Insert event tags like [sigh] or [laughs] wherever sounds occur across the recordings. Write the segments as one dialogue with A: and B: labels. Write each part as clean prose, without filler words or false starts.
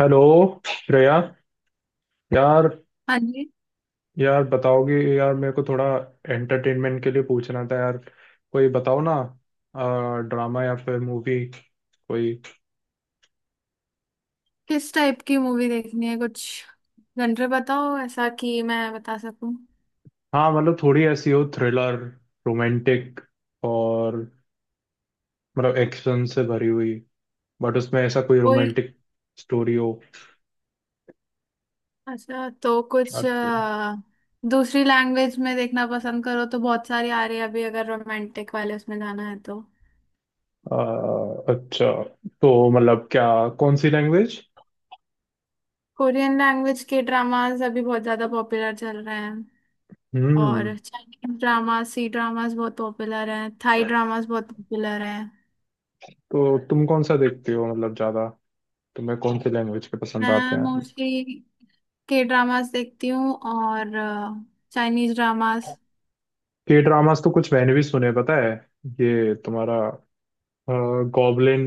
A: Hello Shreya यार।
B: हाँ जी।
A: यार बताओगी यार मेरे को थोड़ा एंटरटेनमेंट के लिए पूछना था यार। कोई बताओ ना। ड्रामा या फिर मूवी कोई।
B: किस टाइप की मूवी देखनी है कुछ? जनरे बताओ ऐसा कि मैं बता सकूं।
A: हाँ मतलब थोड़ी ऐसी हो थ्रिलर रोमांटिक और मतलब एक्शन से भरी हुई बट उसमें ऐसा कोई
B: कोई
A: रोमांटिक स्टोरी हो।
B: अच्छा, तो कुछ
A: अच्छा।
B: दूसरी लैंग्वेज में देखना पसंद करो तो बहुत सारी आ रही है अभी, अगर रोमांटिक वाले उसमें जाना है तो
A: अ, अच्छा तो मतलब क्या कौन सी लैंग्वेज।
B: कोरियन लैंग्वेज के ड्रामास अभी बहुत ज़्यादा पॉपुलर चल रहे हैं।
A: हम्म।
B: और चाइनीज ड्रामा सी ड्रामास बहुत पॉपुलर हैं, थाई ड्रामास बहुत पॉपुलर हैं।
A: तो तुम कौन सा देखते हो मतलब ज्यादा। तुम्हें कौन सी लैंग्वेज के पसंद आते
B: मैं
A: हैं?
B: मोस्टली के ड्रामास देखती हूँ और चाइनीज ड्रामास।
A: के ड्रामास तो कुछ मैंने भी सुने पता है। ये तुम्हारा गॉबलिन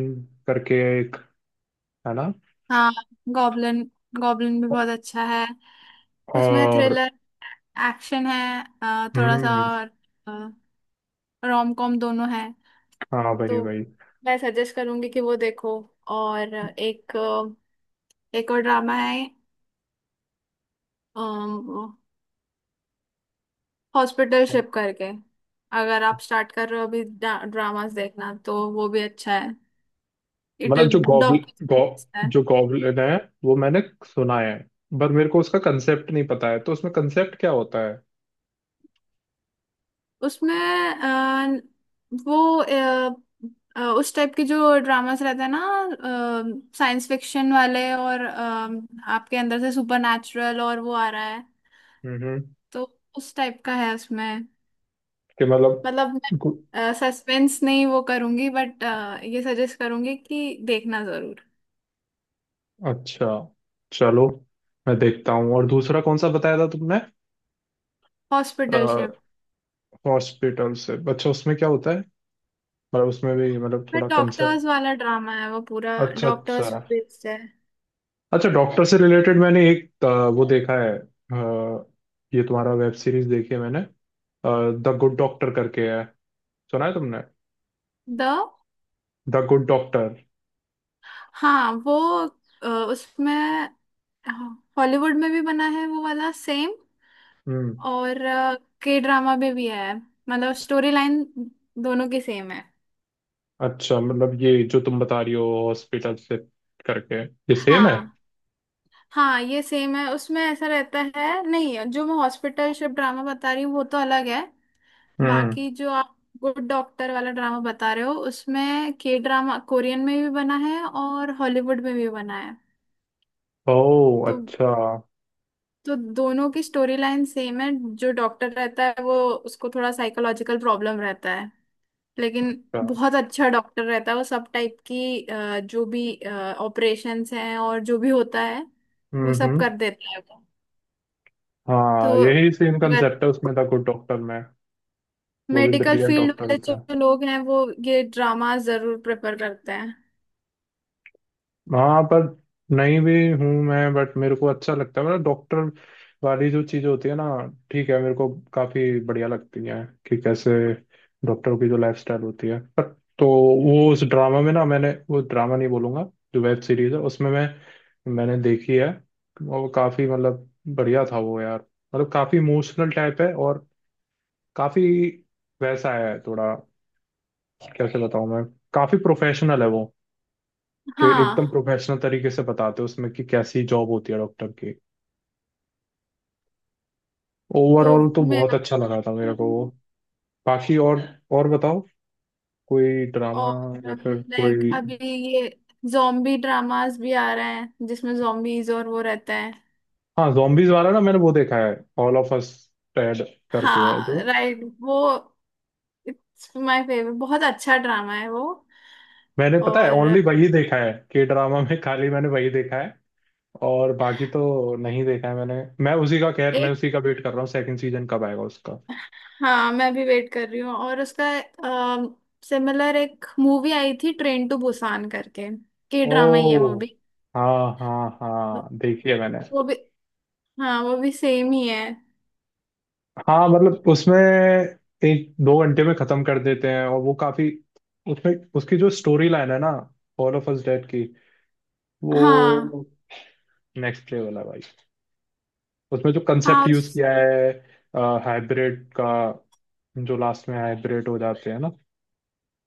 A: करके एक है ना।
B: हाँ, गॉब्लिन, गॉब्लिन भी बहुत अच्छा है। उसमें
A: और।
B: थ्रिलर एक्शन है, थोड़ा सा,
A: हम्म।
B: और रोम कॉम दोनों है।
A: हाँ भाई
B: तो
A: भाई।
B: मैं सजेस्ट करूंगी कि वो देखो। और एक एक और ड्रामा है, हॉस्पिटल शिप करके। अगर आप स्टार्ट कर रहे हो अभी ड्रामास देखना तो वो भी अच्छा है। इट
A: मतलब
B: इज
A: जो गॉबलिन
B: डॉक्टर।
A: जो गॉबलिन है वो मैंने सुना है पर मेरे को उसका कंसेप्ट नहीं पता है तो उसमें कंसेप्ट क्या होता है?
B: उसमें वो उस टाइप के जो ड्रामास रहते हैं ना, साइंस फिक्शन वाले, और आपके अंदर से सुपर नेचुरल और वो आ रहा है।
A: हम्म।
B: तो उस टाइप का है उसमें।
A: कि मतलब
B: मतलब
A: गु-
B: मैं सस्पेंस नहीं वो करूंगी, बट ये सजेस्ट करूंगी कि देखना जरूर।
A: अच्छा। चलो मैं देखता हूँ और दूसरा कौन सा बताया था तुमने।
B: हॉस्पिटलशिप
A: हॉस्पिटल से अच्छा उसमें क्या होता है? मतलब उसमें भी मतलब
B: पर
A: थोड़ा कंसेप्ट।
B: डॉक्टर्स वाला ड्रामा है, वो पूरा
A: अच्छा अच्छा।
B: डॉक्टर्स बेस्ड है।
A: अच्छा डॉक्टर से रिलेटेड मैंने एक वो देखा है ये तुम्हारा वेब सीरीज देखी है मैंने। द गुड डॉक्टर करके है। सुना है तुमने?
B: The
A: the good doctor.
B: हाँ, वो उसमें हाँ, हॉलीवुड में भी बना है वो वाला सेम।
A: हम्म।
B: और के ड्रामा में भी है, मतलब स्टोरी लाइन दोनों की सेम है।
A: अच्छा मतलब ये जो तुम बता रही हो हॉस्पिटल से करके ये सेम है।
B: हाँ, हाँ ये सेम है। उसमें ऐसा रहता है नहीं, जो मैं हॉस्पिटल शिप ड्रामा बता रही हूँ वो तो अलग है।
A: हम्म।
B: बाकी जो आप गुड डॉक्टर वाला ड्रामा बता रहे हो, उसमें के ड्रामा कोरियन में भी बना है और हॉलीवुड में भी बना है।
A: ओह
B: तो
A: अच्छा।
B: तो दोनों की स्टोरी लाइन सेम है। जो डॉक्टर रहता है वो, उसको थोड़ा साइकोलॉजिकल प्रॉब्लम रहता है। लेकिन
A: अच्छा।
B: बहुत अच्छा डॉक्टर रहता है वो, सब टाइप की जो भी ऑपरेशंस हैं और जो भी होता है वो सब
A: हम्म।
B: कर देता है वो। तो
A: हाँ यही सेम
B: अगर
A: कंसेप्ट है उसमें द गुड डॉक्टर में। वो भी
B: मेडिकल
A: ब्रिलियंट
B: फील्ड
A: डॉक्टर
B: वाले
A: होता
B: जो
A: है।
B: लोग हैं, वो ये ड्रामा जरूर प्रेफर करते हैं।
A: हाँ पर नहीं भी हूँ मैं बट मेरे को अच्छा लगता है मतलब डॉक्टर वाली जो चीज़ होती है ना। ठीक है मेरे को काफ़ी बढ़िया लगती है कि कैसे डॉक्टरों की जो लाइफस्टाइल होती है पर। तो वो उस ड्रामा में ना मैंने वो ड्रामा नहीं बोलूँगा जो वेब सीरीज है उसमें मैंने देखी है। और वो काफ़ी मतलब बढ़िया था वो यार। मतलब काफ़ी इमोशनल टाइप है और काफ़ी वैसा है थोड़ा कैसे बताऊँ मैं। काफ़ी प्रोफेशनल है वो कि एकदम
B: हाँ।
A: प्रोफेशनल तरीके से बताते हो उसमें कि कैसी जॉब होती है डॉक्टर की। ओवरऑल
B: तो
A: तो
B: मैं,
A: बहुत अच्छा लगा था मेरे को वो। बाकी और बताओ कोई ड्रामा
B: और
A: या फिर
B: लाइक
A: कोई।
B: अभी ये जॉम्बी ड्रामास भी आ रहे हैं, जिसमें जॉम्बीज और वो रहते हैं।
A: हाँ जॉम्बीज वाला ना मैंने वो देखा है। ऑल ऑफ अस डेड करके है जो
B: हाँ राइट, वो इट्स माय फेवरेट, बहुत अच्छा ड्रामा है वो।
A: मैंने पता है
B: और
A: ओनली वही देखा है के ड्रामा में खाली मैंने वही देखा है। और बाकी तो नहीं देखा है मैंने। मैं उसी का खैर मैं
B: एक,
A: उसी का वेट कर रहा हूँ सेकंड सीजन कब आएगा उसका।
B: हाँ मैं भी वेट कर रही हूँ। और उसका सिमिलर एक मूवी आई थी, ट्रेन टू बुसान करके। के ड्रामा ही है वो
A: ओ
B: भी।
A: हाँ हाँ हाँ देखी है मैंने।
B: वो भी, हाँ वो भी सेम ही है।
A: हाँ मतलब उसमें एक दो घंटे में खत्म कर देते हैं और वो काफी। उसमें उसकी जो स्टोरी लाइन है ना ऑल ऑफ अस डेड की।
B: हाँ,
A: वो नेक्स्ट लेवल है भाई। उसमें जो
B: हाँ,
A: कंसेप्ट यूज
B: उस,
A: किया है हाइब्रिड का जो लास्ट में हाइब्रिड हो जाते हैं ना।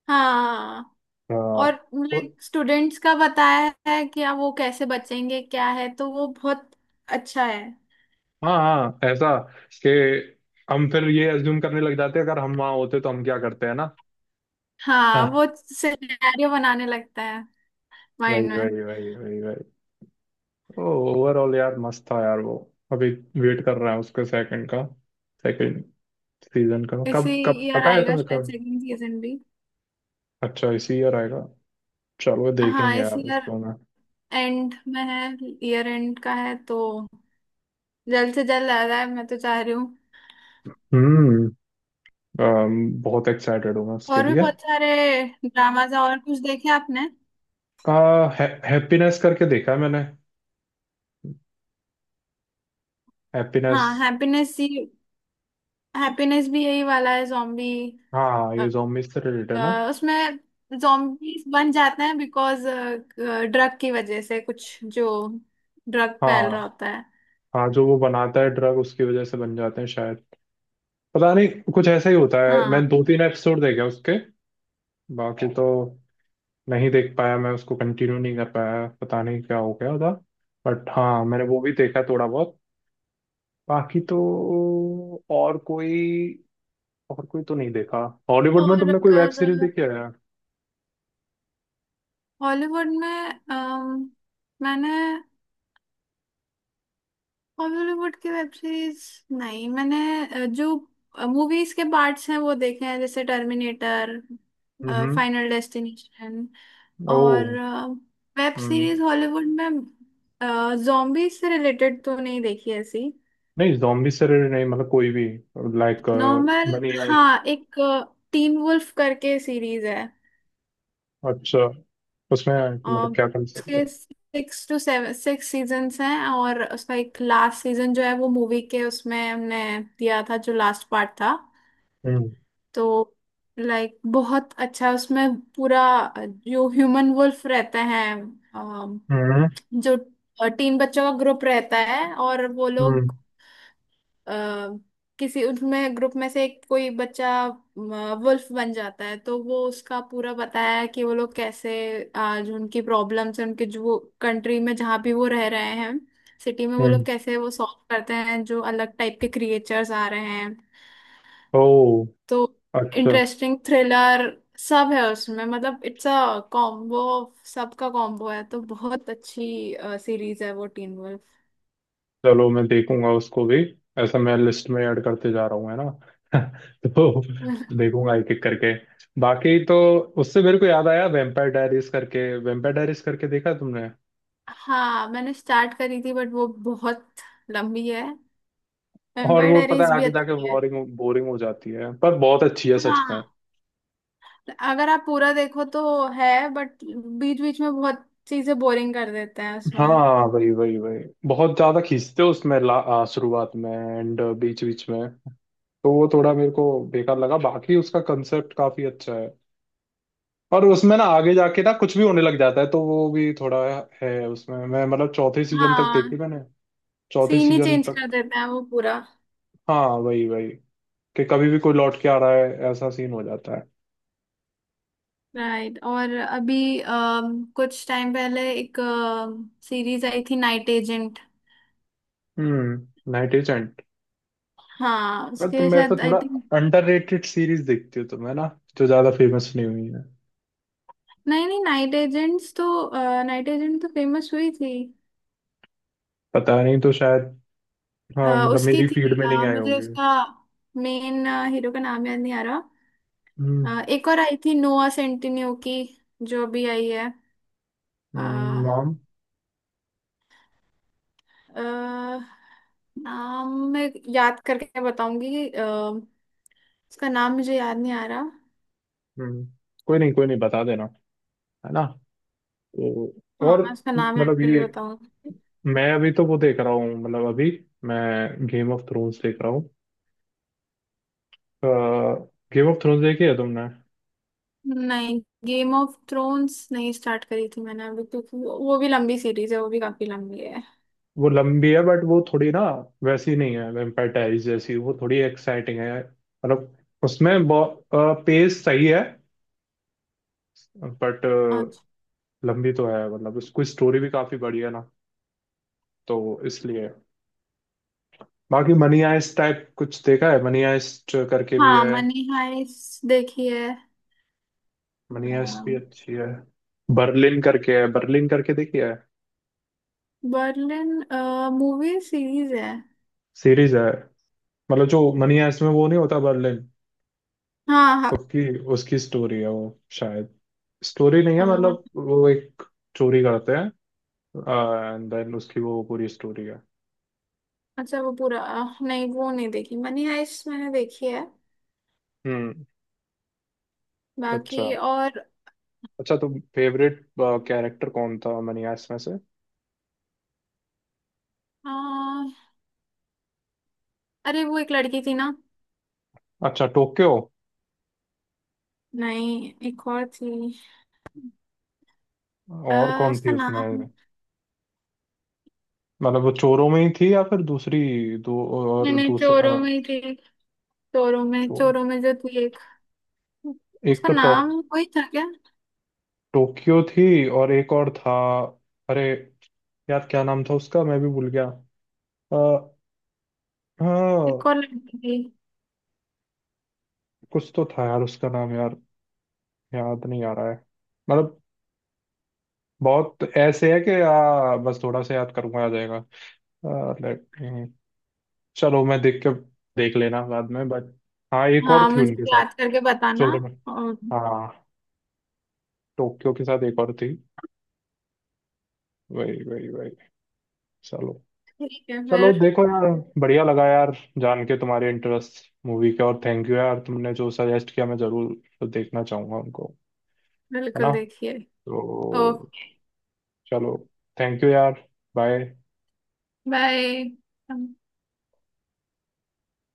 B: हाँ,
A: अ,
B: और
A: और
B: लाइक स्टूडेंट्स का बताया है कि अब वो कैसे बचेंगे क्या है, तो वो बहुत अच्छा है।
A: हाँ हाँ ऐसा कि हम फिर ये अज्यूम करने लग जाते हैं अगर हम वहाँ होते तो हम क्या करते हैं ना [laughs]
B: हाँ
A: हाँ,
B: वो सिनेरियो बनाने लगता है
A: वही
B: माइंड में।
A: वही वही वही वही। ओवरऑल यार मस्त था यार वो। अभी वेट कर रहा है उसके सेकंड सीजन का
B: इसी
A: कब कब
B: ईयर
A: पता है
B: आएगा
A: तुम्हें
B: शायद
A: कब।
B: सेकंड सीजन भी।
A: अच्छा इसी ईयर आएगा। चलो
B: हाँ,
A: देखेंगे
B: इस
A: यार
B: ईयर
A: उसको मैं।
B: एंड में है, ईयर एंड का है, तो जल्द से जल्द आ रहा है, मैं तो चाह रही हूँ।
A: हम्म। बहुत एक्साइटेड हूँ मैं उसके
B: और भी
A: लिए।
B: बहुत सारे ड्रामाज और कुछ देखे आपने?
A: का है, हैप्पीनेस करके देखा है मैंने। हैप्पीनेस।
B: हाँ, हैप्पीनेस ही, हैप्पीनेस भी यही वाला है, जॉम्बी।
A: हाँ ये zombies से रिलेटेड है ना।
B: उसमें जॉम्बीज बन जाते हैं बिकॉज ड्रग की वजह से, कुछ जो ड्रग फैल रहा
A: हाँ
B: होता है।
A: हाँ जो वो बनाता है ड्रग उसकी वजह से बन जाते हैं शायद। पता नहीं। कुछ ऐसा ही होता है मैं
B: हाँ।
A: दो तीन एपिसोड देखे उसके। बाकी तो नहीं देख पाया मैं उसको कंटिन्यू नहीं कर पाया पता नहीं क्या हो गया था। बट हाँ मैंने वो भी देखा थोड़ा बहुत। बाकी तो और कोई और कोई तो नहीं देखा। हॉलीवुड में
B: और
A: तुमने कोई वेब
B: अगर
A: सीरीज देखी है?
B: हॉलीवुड में, अम, मैंने हॉलीवुड की वेब सीरीज नहीं, मैंने जो मूवीज के पार्ट्स हैं वो देखे हैं, जैसे टर्मिनेटर,
A: हम्म।
B: Final destination. और
A: ओ।
B: वेब
A: हम्म।
B: सीरीज हॉलीवुड में जॉम्बी से रिलेटेड तो नहीं देखी ऐसी।
A: नहीं जॉम्बी से related नहीं मतलब कोई भी। लाइक।
B: Normal,
A: money heist.
B: हाँ एक टीन वुल्फ करके सीरीज है।
A: अच्छा उसमें
B: और
A: मतलब क्या कंसेप्ट है?
B: उसके six two seven, six seasons हैं और उसका एक लास्ट सीजन जो है वो मूवी के उसमें हमने दिया था, जो लास्ट पार्ट था।
A: हम्म
B: तो लाइक बहुत अच्छा उसमें पूरा, जो ह्यूमन वुल्फ रहते हैं। अम,
A: हम्म
B: जो तीन बच्चों का ग्रुप रहता है, और वो
A: हम्म
B: लोग अ, किसी, उसमें ग्रुप में से एक कोई बच्चा वुल्फ बन जाता है, तो वो उसका पूरा बताया है कि वो लोग कैसे आज उनकी प्रॉब्लम्स है, उनके जो कंट्री में जहाँ भी वो रह रहे हैं, सिटी में, वो
A: हम्म।
B: लोग कैसे वो सॉल्व करते हैं जो अलग टाइप के क्रिएचर्स आ रहे हैं।
A: ओ
B: तो
A: अच्छा।
B: इंटरेस्टिंग थ्रिलर सब है उसमें, मतलब इट्स अ कॉम्बो, सबका कॉम्बो है, तो बहुत अच्छी सीरीज है वो टीन वुल्फ।
A: चलो मैं देखूंगा उसको भी। ऐसा मैं लिस्ट में ऐड करते जा रहा हूँ है ना [laughs] तो देखूंगा एक एक करके। बाकी तो उससे मेरे को याद आया वेम्पायर डायरीज करके देखा है तुमने।
B: हाँ मैंने स्टार्ट करी थी बट वो बहुत लंबी है।
A: और
B: वेम्पायर
A: वो पता
B: डायरीज
A: है
B: भी
A: आगे जाके
B: अच्छी है।
A: बोरिंग बोरिंग हो जाती है पर बहुत अच्छी है सच में।
B: हाँ अगर आप पूरा देखो तो है, बट बीच बीच में बहुत चीजें बोरिंग कर देते हैं उसमें।
A: हाँ वही वही वही। बहुत ज्यादा खींचते हो उसमें शुरुआत में एंड बीच बीच में तो वो थोड़ा मेरे को बेकार लगा बाकी उसका कंसेप्ट काफी अच्छा है। और उसमें ना आगे जाके ना कुछ भी होने लग जाता है तो वो भी थोड़ा है उसमें मैं मतलब चौथे सीजन तक देखी
B: हाँ,
A: मैंने। चौथे
B: सीन ही
A: सीजन
B: चेंज
A: तक।
B: कर देते हैं वो पूरा।
A: हाँ वही वही। कि कभी भी कोई लौट के आ रहा है ऐसा सीन हो जाता है।
B: राइट, और अभी कुछ टाइम पहले एक सीरीज आई थी, नाइट एजेंट।
A: Night Agent.
B: हाँ
A: पर
B: उसके
A: तुम ऐसा
B: शायद आई
A: थोड़ा
B: थिंक।
A: अंडररेटेड सीरीज देखती हो तुम है ना जो ज्यादा फेमस नहीं हुई है।
B: नहीं, नहीं, नाइट एजेंट्स तो, नाइट एजेंट तो फेमस हुई थी।
A: पता नहीं तो शायद। हाँ मतलब
B: उसकी
A: मेरी फील्ड
B: थी,
A: में नहीं आए
B: मुझे
A: होंगे।
B: उसका मेन हीरो का नाम याद नहीं आ रहा।
A: हम्म।
B: एक और आई थी, नोआ सेंटिन्यू की जो भी आई है। अ,
A: नाम।
B: अ, नाम मैं याद करके बताऊंगी, उसका नाम मुझे याद नहीं आ रहा।
A: हम्म। कोई नहीं बता देना। है ना। तो। और
B: हाँ, उसका नाम याद
A: मतलब
B: करके
A: ये
B: बताऊंगी।
A: मैं अभी तो वो देख रहा हूँ मतलब अभी मैं गेम ऑफ थ्रोन्स देख रहा हूँ। गेम ऑफ थ्रोन्स देखी है तुमने?
B: नहीं, गेम ऑफ थ्रोन्स नहीं स्टार्ट करी थी मैंने अभी, क्योंकि वो भी लंबी सीरीज है, वो भी काफी लंबी है।
A: वो लंबी है बट वो थोड़ी ना वैसी नहीं है वैम्पायर डायरीज जैसी वो थोड़ी एक्साइटिंग है मतलब उसमें पेस सही है बट
B: अच्छा।
A: लंबी तो है मतलब उसकी स्टोरी भी काफी बड़ी है ना तो इसलिए। बाकी मनी हाइस्ट टाइप कुछ देखा है मनी हाइस्ट करके भी
B: हाँ
A: है।
B: मनी हाइस्ट देखी
A: मनी
B: है।
A: हाइस्ट भी अच्छी है। बर्लिन करके देखी है।
B: बर्लिन मूवी सीरीज है।
A: सीरीज है मतलब जो मनी हाइस्ट में वो नहीं होता बर्लिन
B: हाँ, हाँ,
A: उसकी उसकी स्टोरी है वो शायद स्टोरी नहीं है
B: अ,
A: मतलब वो एक चोरी करते हैं एंड देन उसकी वो पूरी स्टोरी है।
B: अच्छा वो पूरा नहीं वो नहीं देखी, मनी हाइस्ट मैंने देखी है।
A: हम्म।
B: बाकी
A: अच्छा
B: और
A: अच्छा तो फेवरेट कैरेक्टर कौन था मनी हाइस्ट में से?
B: अ, अरे वो एक लड़की थी ना।
A: अच्छा टोक्यो।
B: नहीं एक और थी,
A: और कौन थी
B: उसका नाम।
A: उसमें? मतलब वो चोरों में ही थी या फिर दूसरी दो
B: नहीं,
A: और
B: नहीं,
A: दूसरा
B: चोरों में ही थी, चोरों में,
A: चोर।
B: चोरों में जो थी एक,
A: एक
B: उसका
A: तो
B: नाम वही था क्या?
A: टोक्यो थी और एक और था। अरे यार क्या नाम था उसका मैं भी भूल गया। आ,
B: एक
A: हाँ
B: और लड़की थी।
A: कुछ तो था यार उसका नाम यार याद नहीं आ रहा है। मतलब बहुत ऐसे है कि बस थोड़ा सा याद करूंगा आ जाएगा। आ, let me- चलो मैं देख के देख लेना बाद में बट। हाँ एक और
B: हाँ
A: थी
B: मुझे
A: उनके साथ
B: याद करके बताना।
A: शोरूम में।
B: और
A: हाँ टोक्यो के साथ एक और थी। वही वही वही। चलो।
B: ठीक है
A: चलो
B: फिर।
A: देखो यार। बढ़िया लगा यार जान के तुम्हारे इंटरेस्ट मूवी के और थैंक यू यार तुमने जो सजेस्ट किया मैं जरूर देखना चाहूंगा उनको। है ना।
B: बिल्कुल देखिए।
A: तो।
B: ओके।
A: चलो। थैंक यू यार। बाय।
B: बाय।